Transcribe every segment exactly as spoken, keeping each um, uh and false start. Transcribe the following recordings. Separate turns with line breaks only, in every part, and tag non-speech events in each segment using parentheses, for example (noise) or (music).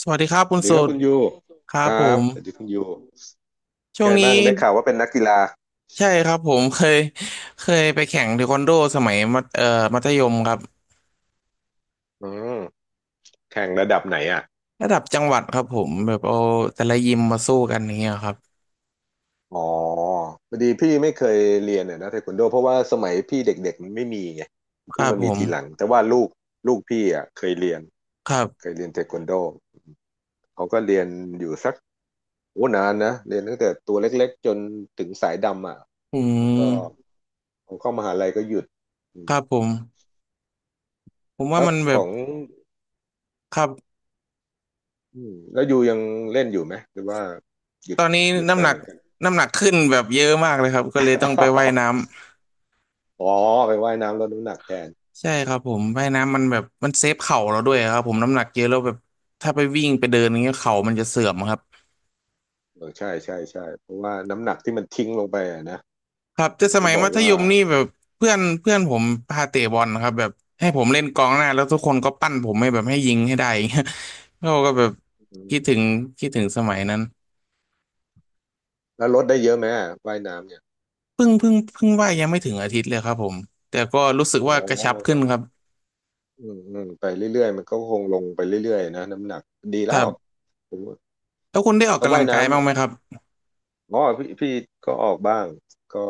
สวัสดีครับ
ส
คุณ
วัสดี
สุ
ครับ
ด
คุณยู
ครั
ค
บ
รั
ผ
บ
ม
สวัสดีคุณยู
ช่วง
ไงบ้า
นี้
งได้ข่าวว่าเป็นนักกีฬา
ใช่ครับผม (laughs) เคยเคยไปแข่งเทควันโดสมัยมัธเอ่อมัธยมครับ
อืมแข่งระดับไหนอ่ะ
ระดับจังหวัดครับผมแบบเอาแต่ละยิมมาสู้กันอย่างเงี้ยครับ
อ๋อพอดีพี่ไม่เคยเรียนเนี่ยนะเทควันโดเพราะว่าสมัยพี่เด็กๆมันไม่มีไง
ค
เพิ่
รั
ง
บ
มา
ผ
มี
ม
ทีหลังแต่ว่าลูกลูกพี่อ่ะเคยเรียน
ครั
เคย
บ
เรียนเทควันโดเขาก็เรียนอยู่สักโอ้นานนะเรียนตั้งแต่ตัวเล็กๆจนถึงสายดำอ่ะ
อื
แล้วก็
ม
พอเข้ามหาลัยก็หยุดอื
ค
ม
รับผมผมว่า
แล้ว
มันแบ
ข
บ
อง
ครับ
อืมแล้วยูยังเล่นอยู่ไหมหรือว่าหยุ
ต
ด
อนนี้
หยุดไป
น้ำหนั
เห
ก
มือนกัน
น้ำหนักขึ้นแบบเยอะมากเลยครับก็เลยต้องไปว่ายน้ำ
(laughs) อ๋อไปว่ายน้ำลดน้ำหนักแทน
ใช่ครับผมว่ายน้ำมันแบบมันเซฟเข่าเราด้วยครับผมน้ำหนักเยอะแล้วแบบถ้าไปวิ่งไปเดินอย่างเงี้ยเข่ามันจะเสื่อมครับ
เออใช่ใช่ใช่เพราะว่าน้ำหนักที่มันทิ้งลงไปอะนะ
ครับแต่
เห็น
ส
ก็
มัย
บอ
มั
ก
ธ
ว่า
ยมนี่แบบเพื่อนเพื่อนผมพาเตะบอลนะครับแบบให้ผมเล่นกองหน้าแล้วทุกคนก็ปั้นผมให้แบบให้ยิงให้ได้อย่างเงี้ย (laughs) เราก็แบบ
อืม
คิดถึงคิดถึงสมัยนั้น
แล้วลดได้เยอะไหมอะว่ายน้ำเนี่ย
เพิ่งเพิ่งเพิ่งว่ายยังไม่ถึงอาทิตย์เลยครับผมแต่ก็รู้สึก
อ๋อ
ว่ากระชับขึ้
ก็
นครับ
อืมอืมไปเรื่อยๆมันก็คงลงไปเรื่อยๆนะน้ำหนักดี
ค
แล้
รั
ว
บ
ผมว่า
แล้วคุณได้ออก
แล้ว
กำลั
ว่าย
งกาย
น้ำ
บ้างไหมครับ
อ๋อพี่พี่ก็ออกบ้างก็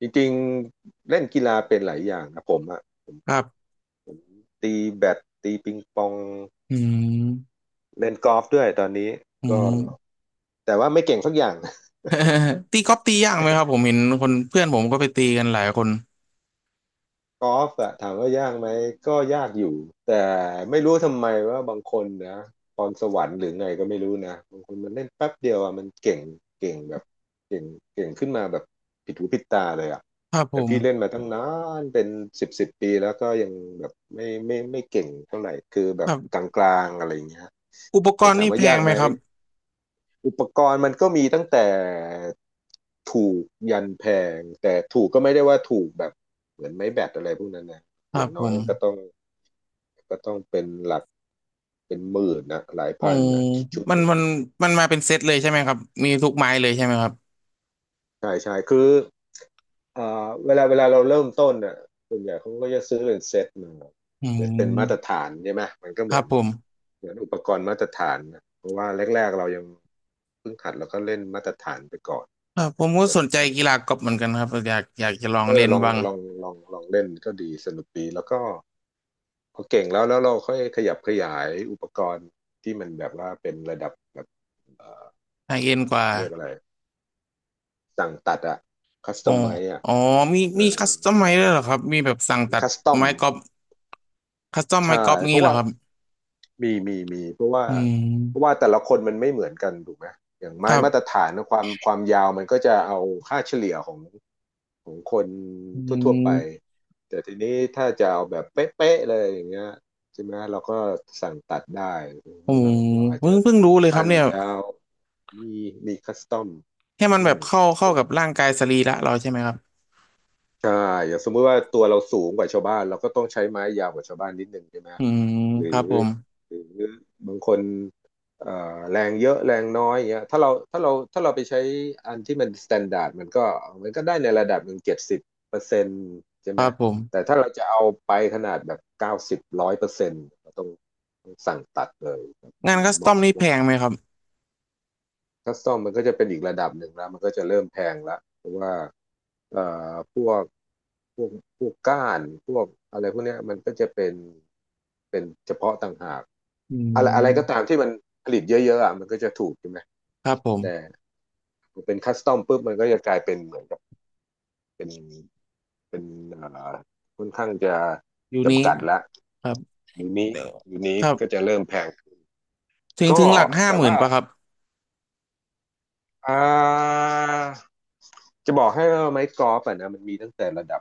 จริงๆเล่นกีฬาเป็นหลายอย่างนะผมอะ
ครับ
ผมตีแบดตีปิงปอง
อืม
เล่นกอล์ฟด้วยตอนนี้
อื
ก็
ม
แต่ว่าไม่เก่งสักอย่าง
(laughs) ตีกอล์ฟตียากไหมครับผมเห็นคนเพื่อนผมก็ไปตีกันหลายคน
กอล์ฟอะถามว่ายากไหมก็ยากอยู่แต่ไม่รู้ทำไมว่าบางคนนะพรสวรรค์หรือไงก็ไม่รู้นะบางคนมันเล่นแป๊บเดียวอะมันเก่งเก่งแบบเก่งเก่งขึ้นมาแบบผิดหูผิดตาเลยอะ
ครับผ
แต่พี่เล่น
ม
มาตั้งนานเป็นสิบสิบปีแล้วก็ยังแบบไม่ไม่ไม่เก่งเท่าไหร่คือแบ
ค
บ
รั
ก
บ
ลางๆอะไรอย่างเงี้ย
อุปก
แต่
รณ์
ถาม
นี่
ว่า
แพ
ยา
ง
ก
ไหม
ไหม
ครับ
อุปกรณ์มันก็มีตั้งแต่ถูกยันแพงแต่ถูกก็ไม่ได้ว่าถูกแบบเหมือนไม้แบตอะไรพวกนั้นนะ
ค
อ
รับ
ย่าง
ผ
น้อย
ม
มันก็ต้องก็ต้องเป็นหลักเป็นหมื่นนะหลาย
โอ้
พันนะชุดชุด
มัน
หนึ่ง
มันมันมาเป็นเซตเลยใช่ไหมครับมีทุกไม้เลยใช่ไหมครับ
ใช่ใช่คือเอ่อเวลาเวลาเราเริ่มต้นน่ะส่วนใหญ่เขาก็จะซื้อเป็นเซตมา
อื
เป็นมาตร
ม
ฐานใช่ไหมมันก็
ค
เหมื
รั
อ
บ
น
ผม
เหมือนอุปกรณ์มาตรฐานนะเพราะว่าแรกๆเรายังเพิ่งหัดแล้วก็เล่นมาตรฐานไปก่อน
ครับผมก็
แต่
สนใจกีฬากอล์ฟเหมือนกันครับอยากอยากจะลอง
เอ
เล่
อ
น
ลอง
บ้าง
ลองลองลองเล่นก็ดีสนุกดีแล้วก็พอเก่งแล้วแล้วเราค่อยขยับขยายอุปกรณ์ที่มันแบบว่าเป็นระดับแบบเอ่อ
ไฮเอ็นกว่า
เรียกอะไรสั่งตัดอะคัสต
อ๋อ
อมไมอะ
อ๋อมี
เอ
มีคั
อ
สตอมไม้ด้วยเหรอครับมีแบบสั่งตัด
คัสตอม
ไม้กอล์ฟคัสตอมไม้
ใช่
กอล์ฟ
เพ
งี้
ราะ
เหรอ
ว่า
ครับ
มีมีมีเพราะว่า
อื
เพราะ
ม
ว่าแต่ละคนมันไม่เหมือนกันถูกไหมอย่าง
ค
ไม้
รั
มาตร
บ
ฐานนะความความยาวมันก็จะเอาค่าเฉลี่ยของ ของคน
อื
ทั่วๆไป
ม
แต่ทีนี้ถ้าจะเอาแบบเป๊ะๆเลยอย่างเงี้ยใช่ไหมเราก็สั่งตัดได้หรือ
โอ้
ว่าเราอาจ
เพิ่
จะ
งเพิ่งรู้เลยค
สั้
รับ
น
เนี่ย
ยาวมีมีคัสตอม
แค่มั
อื
นแบ
ม
บเข้า
อ
เข้า
ย่าง
กับร่างกายสรีระเราใช่ไหมครับ
ใช่อย่างสมมุติว่าตัวเราสูงกว่าชาวบ้านเราก็ต้องใช้ไม้ยาวกว่าชาวบ้านนิดนึงใช่ไหม
อืม
หรือ
ครับผม
หรือบางคนเอ่อแรงเยอะแรงน้อยอย่างเงี้ยถ้าเราถ้าเราถ้าเราไปใช้อันที่มันสแตนดาร์ดมันก็มันก็ได้ในระดับหนึ่งเจ็ดสิบเปอร์เซ็นต์ใช่
ค
ไหม
รับผม
แต่ถ้าเราจะเอาไปขนาดแบบเก้าสิบร้อยเปอร์เซ็นต์เราต้องต้องสั่งตัดเลยครับ
งา
ให้
น
มัน
คัส
เห
ตอ
มาะ
มนี่แพงไหมครับ
คัสตอมมันก็จะเป็นอีกระดับหนึ่งแล้วมันก็จะเริ่มแพงละเพราะว่าเอ่อพวกพวกพวกก้านพวกอะไรพวกเนี้ยมันก็จะเป็นเป็นเฉพาะต่างหาก
อื
อะไรอะไรก็ตา
ม
มที่มันผลิตเยอะๆอ่ะมันก็จะถูกใช่ไหม
ครับผม
แต่พอเป็นคัสตอมปุ๊บมันก็จะกลายเป็นเหมือนกับเป็นเป็นเอ่อค่อนข้างจะ
ยูนิ
จำ
ค
กัดละ
ครับ
อยู่นี้
เดี๋ยว
อยู่นี้
ครับ
ก็จะเริ่มแพง
ถึง
ก็
ถึงหลักห้า
แต่
หมื่น
ว่า
ป่ะครับ
อ่าจะบอกให้ว่าไม้กอล์ฟอะนะมันมีตั้งแต่ระดับ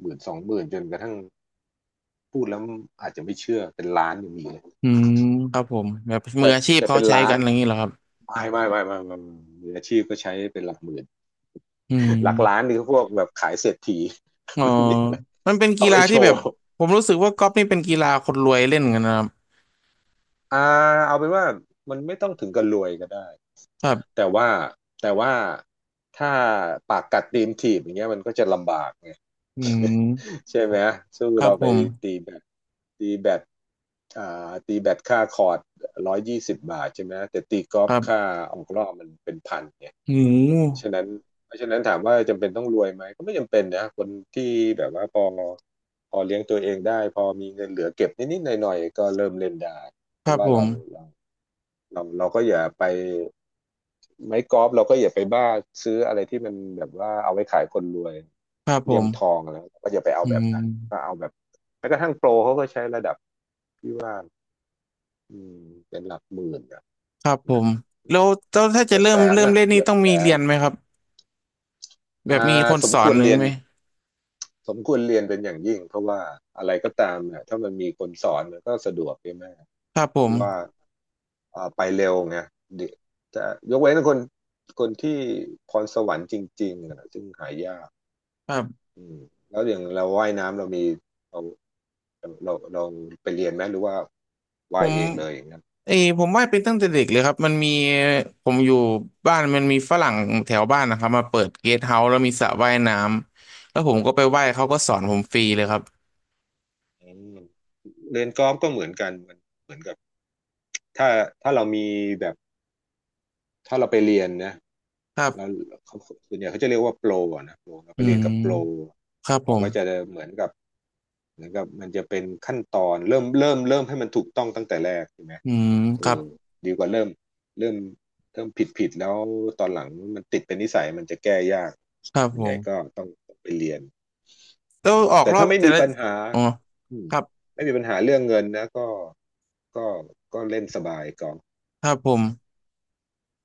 หมื่นสองหมื่นจนกระทั่งพูดแล้วอาจจะไม่เชื่อเป็นล้านยังมีเลย
อืมครับผมแบบมืออาชีพ
แต่
เขา
เป็น
ใช้
ล้า
กั
น
นอะไรอย่างนี้เหรอครับ
ไม่ไม่ไม่ไม่ไม่ไม่มืออาชีพก็ใช้เป็นหลักหมื่น
อื
หลักล้าน
ม
นี่ก็พวกแบบขายเศรษฐี
อ๋
(laughs)
อ
ไม่มีอะไร
มันเป็นกี
เอาไว้
ฬา
โช
ที่แบ
ว์
บผมรู้สึกว่ากอล์ฟนี่เป็นกีฬาคนรวยเล่นกันนะครับ
อ่าเอาเป็นว่ามันไม่ต้องถึงกับรวยก็ได้
ครั
นะ
บ
แต่ว่าแต่ว่าถ้าปากกัดตีนถีบอย่างเงี้ยมันก็จะลำบากไง
อืม
ใช่ไหมสู้
ครับ
เรา
ผ
ไป
ม
ตีแบตตีแบตอ่าตีแบตค่าคอร์ดร้อยยี่สิบบาทใช่ไหมแต่ตีกอ
ค
ล์ฟ
รั
ค่า
บ
ออกรอบมันเป็นพันไง
หู
เพราะฉะนั้นเพราะฉะนั้นถามว่าจำเป็นต้องรวยไหมก็ไม่จำเป็นนะคนที่แบบว่าพอพอเลี้ยงตัวเองได้พอมีเงินเหลือเก็บนิดๆหน่อยๆก็เริ่มเล่นได้เพ
ครั
ราะ
บ
ว่า
ผ
เรา
ม
เรา เราเราก็อย่าไปไม้กอล์ฟเราก็อย่าไปบ้าซื้ออะไรที่มันแบบว่าเอาไว้ขายคนรวย
ครับผ
เหลี่ยม
ม
ทองแล้วก็อย่าไปเอา
อื
แบบ
ม
นั้นก็เอาแบบแม้กระทั่งโปรเขาก็ใช้ระดับที่ว่าอืมเป็นหลักหมื่นอะ
ครับผ
นะ
มแล้วแล้วถ้า
อาจ
จะ
จะ
เริ่
แส
ม
น
เริ่ม
นะ
เล่น
เห
นี่
ยียบ
ต้อง
แส
มีเรี
น
ยนไหมครับแบบ
อ่
มี
า
คน
สม
สอ
ค
น
วร
หรือ
เรียน
ไหม
สมควรเรียนเป็นอย่างยิ่งเพราะว่าอะไรก็ตามเนี่ยถ้ามันมีคนสอนมันก็สะดวกใช่ไหม
ครับผ
เพ
ม
ราะว่า เอ่อไปเร็วไงเดี๋ยวจะยกเว้นคนคนที่พรสวรรค์จริงๆนะซึ่งหายาก
ครับ
อืมแล้วอย่างเราว่ายน้ำเรามีเราเราเราไปเรียนไหมหรือว่า
ผ
ว่าย
ม
เองเลยอย่างนั้น
เอยผมว่าดเป็นตั้งแต่เด็กเลยครับมันมีผมอยู่บ้านมันมีฝรั่งแถวบ้านนะครับมาเปิดเกสต์เฮาส์แล้วมีสระว่ายน้ำแล้วผมก็ไปว่ายเขาก็สอนผมฟรีเลยครับ
อืมเรียนกอล์ฟก็เหมือนกันมันเหมือนกับถ้าถ้าเรามีแบบถ้าเราไปเรียนนะ
ครั
แล้ว
บ
เขาส่วนใหญ่เขาจะเรียกว่าโปรอะนะโปรเราไป
อื
เรียน
ม
กับโปร
ครับผ
เราก็จะ
ม
เหมือนกับเหมือนกับมันจะเป็นขั้นตอนเริ่มเริ่มเริ่มให้มันถูกต้องตั้งแต่แรกใช่ไหม
อืม
เอ
ครับ
อดีกว่าเริ่มเริ่มเริ่มผิดผิดแล้วตอนหลังมันติดเป็นนิสัยมันจะแก้ยาก
ครับ
ส่วน
ผ
ใหญ่ก็
ม
ต้องต้องไปเรียน
แล้
อื
ว
ม
ออก
แต่
รอ
ถ้า
บ
ไม่
แต่
มี
ละ
ปัญหา
อ๋อ
อืม
ครับ
ไม่มีปัญหาเรื่องเงินนะก็ก็ก็เล่นสบายก่อน
ครับผม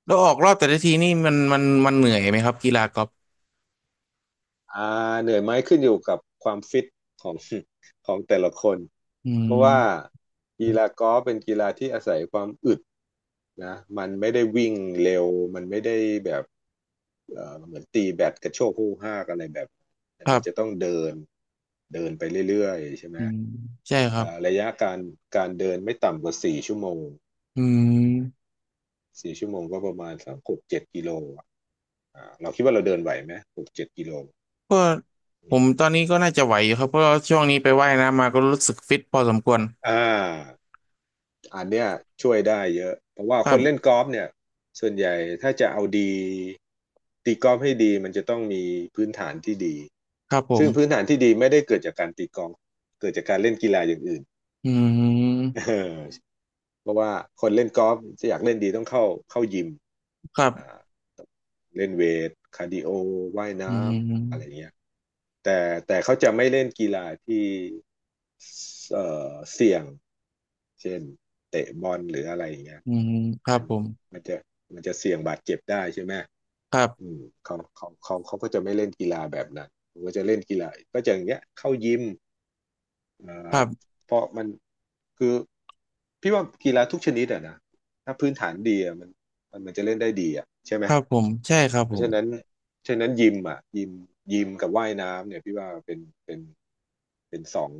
แล้วออกรอบแต่ละทีนี่มันมันมันเหนื่อยไหมครับกีฬากอล์ฟ
อ่าเหนื่อยไหมขึ้นอยู่กับความฟิตของ (laughs) ของแต่ละคน
อื
เพราะว่า
ม
กีฬากอล์ฟเป็นกีฬาที่อาศัยความอึดนะมันไม่ได้วิ่งเร็วมันไม่ได้แบบ เอ่อเหมือนตีแบดกระโชกฮู้ฮากอะไรแบบแต่
ครั
มันจะ
บ
ต้องเดินเดินไปเรื่อยๆใช่ไหม
อืมใช่ค
เอ่
รับ
อระยะการการเดินไม่ต่ำกว่าสี่ชั่วโมง
อืม
สี่ชั่วโมงก็ประมาณสักหกเจ็ดกิโลอะอ่าเราคิดว่าเราเดินไหวไหมหกเจ็ดกิโล
ก็
อื
ผม
ม
ตอนนี้ก็น่าจะไหวอยู่ครับเพราะว่าช่วงนี้ไปว่ายน้ำมาก็รู้สึกฟิตพอสมควร
อ่าอันเนี้ยช่วยได้เยอะเพราะว่า
ค
ค
รั
นเล่น
บ
กอล์ฟเนี่ยส่วนใหญ่ถ้าจะเอาดีตีกอล์ฟให้ดีมันจะต้องมีพื้นฐานที่ดี
ครับผ
ซึ่งพื้น
ม
ฐานที่ดีไม่ได้เกิดจากการตีกอล์ฟเกิดจากการเล่นกีฬาอย่างอื่น
อื
เอ
ม
อเพราะว่าคนเล่นกอล์ฟจะอยากเล่นดีต้องเข้าเข้ายิม
ครั
อ่า
บ
เล่นเวทคาร์ดิโอว่าย
อื
น้ำอะไร
ม
เงี้ยแต่แต่เขาจะไม่เล่นกีฬาที่เอ่อเสี่ยงเช่นเตะบอลหรืออะไรอย่างเงี้ย
อืมครั
อั
บ
น
ผม
มันจะมันจะเสี่ยงบาดเจ็บได้ใช่ไหม
ครั
อื
บ
มเขาเขาเขาเขาก็จะไม่เล่นกีฬาแบบนั้นเขาก็จะเล่นกีฬาก็จะอย่างเงี้ยเข้ายิม อ่
ค
า
รับ
เพราะมันคือพี่ว่ากีฬาทุกชนิดอะนะถ้าพื้นฐานดีอะมันมันมันจะเล่นได้ดีอะใช่ไห
ค
ม
รับผมใช่ครับ
เพ
ผ
ราะ
ม
ฉะนั้นฉะนั้นยิมอะยิมยิมกับว่ายน้ำเนี่ยพี่ว่าเป็นเป็นเป็นสอง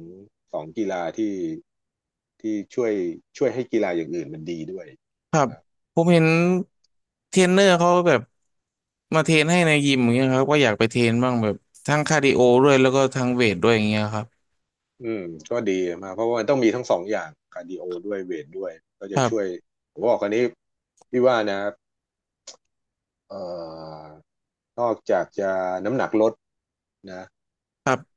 สองกีฬาที่ที่ช่วยช่วยให้กีฬาอย่างอื่นมันดีด้วย
ครับ
ครับ
ผมเห็นเทรนเนอร์เขาแบบมาเทรนให้ในยิมอย่างเงี้ยครับก็อยากไปเทรนบ้างแบบทั้งคาร์ดิโอด้วยแล้วก็ทั้งเวทด้วยอย่างเงี้ยครับ
อืมก็ดีมากเพราะว่ามันต้องมีทั้งสองอย่างคาร์ดิโอด้วยเวทด้วยก็
ค
จะ
รั
ช่วย
บ
ผมบอกอันนี้พี่ว่านะเอ่อนอกจากจะน้ำหนักลด นะ
ครับ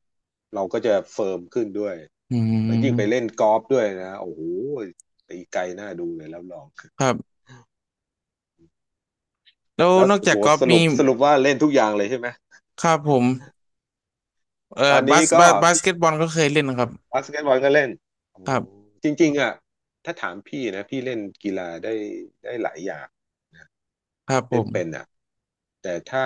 เราก็จะเฟิร์มขึ้นด้วย
อื
แล้วยิ่งไป
ม
เล่นกอล์ฟด้วยนะโอ้โหตีไกลน่าดูเลยแล้วลอง
ครับแล้ว
แล้ว
นอก
โอ้
จา
โห
กกอล์ฟ
สรุ
มี
ปสรุปว่าเล่นทุกอย่างเลยใช่ไหม
ครับผมเอ่
ต
อ
อน
บา
นี้
ส
ก็
บาสบาส
พี่
เกตบอลก็เคยเล่นนะครับ
บาสเกตบอลก็เล่นโอ้
ครับ
จริงๆอ่ะถ้าถามพี่นะพี่เล่นกีฬาได้ได้หลายอย่าง
ครับผ
เล่นเป็น
ม
อ่ะแต่ถ้า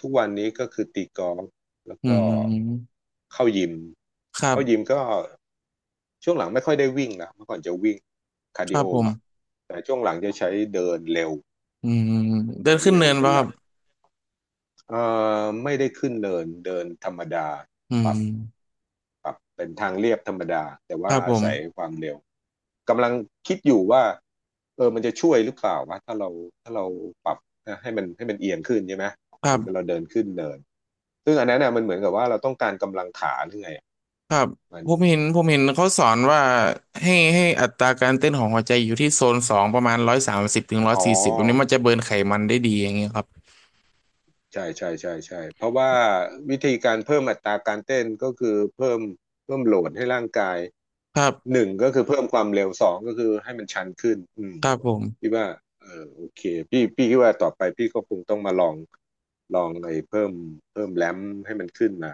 ทุกวันนี้ก็คือตีกอล์ฟแล้ว
อื
ก็
ม
เข้ายิม
ครับ
เข้ายิมก็ช่วงหลังไม่ค่อยได้วิ่งนะเมื่อก่อนจะวิ่งคา
ค
ร์ดิ
รับ
โอ
ผม
อ่ะแต่ช่วงหลังจะใช้เดินเร็ว
อืมเดิน
เดิน
ขึ้น
เร็ว
เนิน
เป็น
ป่ะ
ห
ครั
ลั
บ
กเอ่อไม่ได้ขึ้นเนินเดินธรรมดา
อื
ปรั
ม
บ ปรับเป็นทางเรียบธรรมดาแต่
ค
ว่า
รับผ
อา
ม
ศัยความเร็วกำลังคิดอยู่ว่าเออมันจะช่วยหรือเปล่าวะถ้าเราถ้าเราปรับนะให้มันให้มันเอียงขึ้นใช่ไหม
ค
เห
รั
มือนกับเรา
บ
เดินขึ้นเนินซึ่งอันนั้นน่ะมันเหมือนกับว่าเราต้องการกำลังขาหรือไงอยมัน
ผมเห็นผมเห็นเขาสอนว่าให้ให้อัตราการเต้นของหัวใจอยู่ที่โซนสองประมาณร้อยสามสิบถึงร้อย
อ๋อ
สี่สิบแบบนี้มันจะเบิร์นไขมันได้ดีอย่างเงี้ยครับ
ใช่ใช่ใช่ใช่เพราะว่าวิธีการเพิ่มอัตราการเต้นก็คือเพิ่มเพิ่มโหลดให้ร่างกาย
ครั
ห
บ
นึ่งก็คือเพิ่มความเร็วสองก็คือให้มันชันขึ้นอืม
ครับผม
พี่ว่าเออโอเคพี่พี่คิดว่าต่อไปพี่ก็คงต้องมาลองลองไอ้เพิ่มเพิ่มแรมให้มันขึ้นมา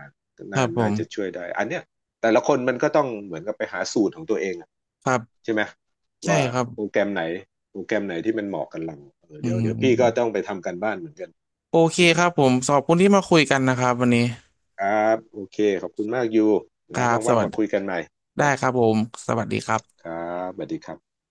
ค
น่า
รับผ
น่า
ม
จะช่วยได้อันเนี้ยแต่ละคนมันก็ต้องเหมือนกับไปหาสูตรของตัวเองอะ
ครับ
ใช่ไหม
ใช่
ว่า
ครับ
โปรแกรมไหนโปรแกรมไหนที่มันเหมาะกับเราเออ
อื
เดี๋ยวเดี๋ยวพี่ก็ต้
ม
องไปทำการบ้านเหมือนกัน
โอเค
อืม
ครับผมขอบคุณที่มาคุยกันนะครับวันนี้
ครับโอเคขอบคุณมากยู
ค
นะ
รับส
ว่าง
วั
ๆ
ส
มา
ดี
คุยกันใหม่
ได้
นะ
ครับผม สวัสดีครับ
ครับสวัสดีครับ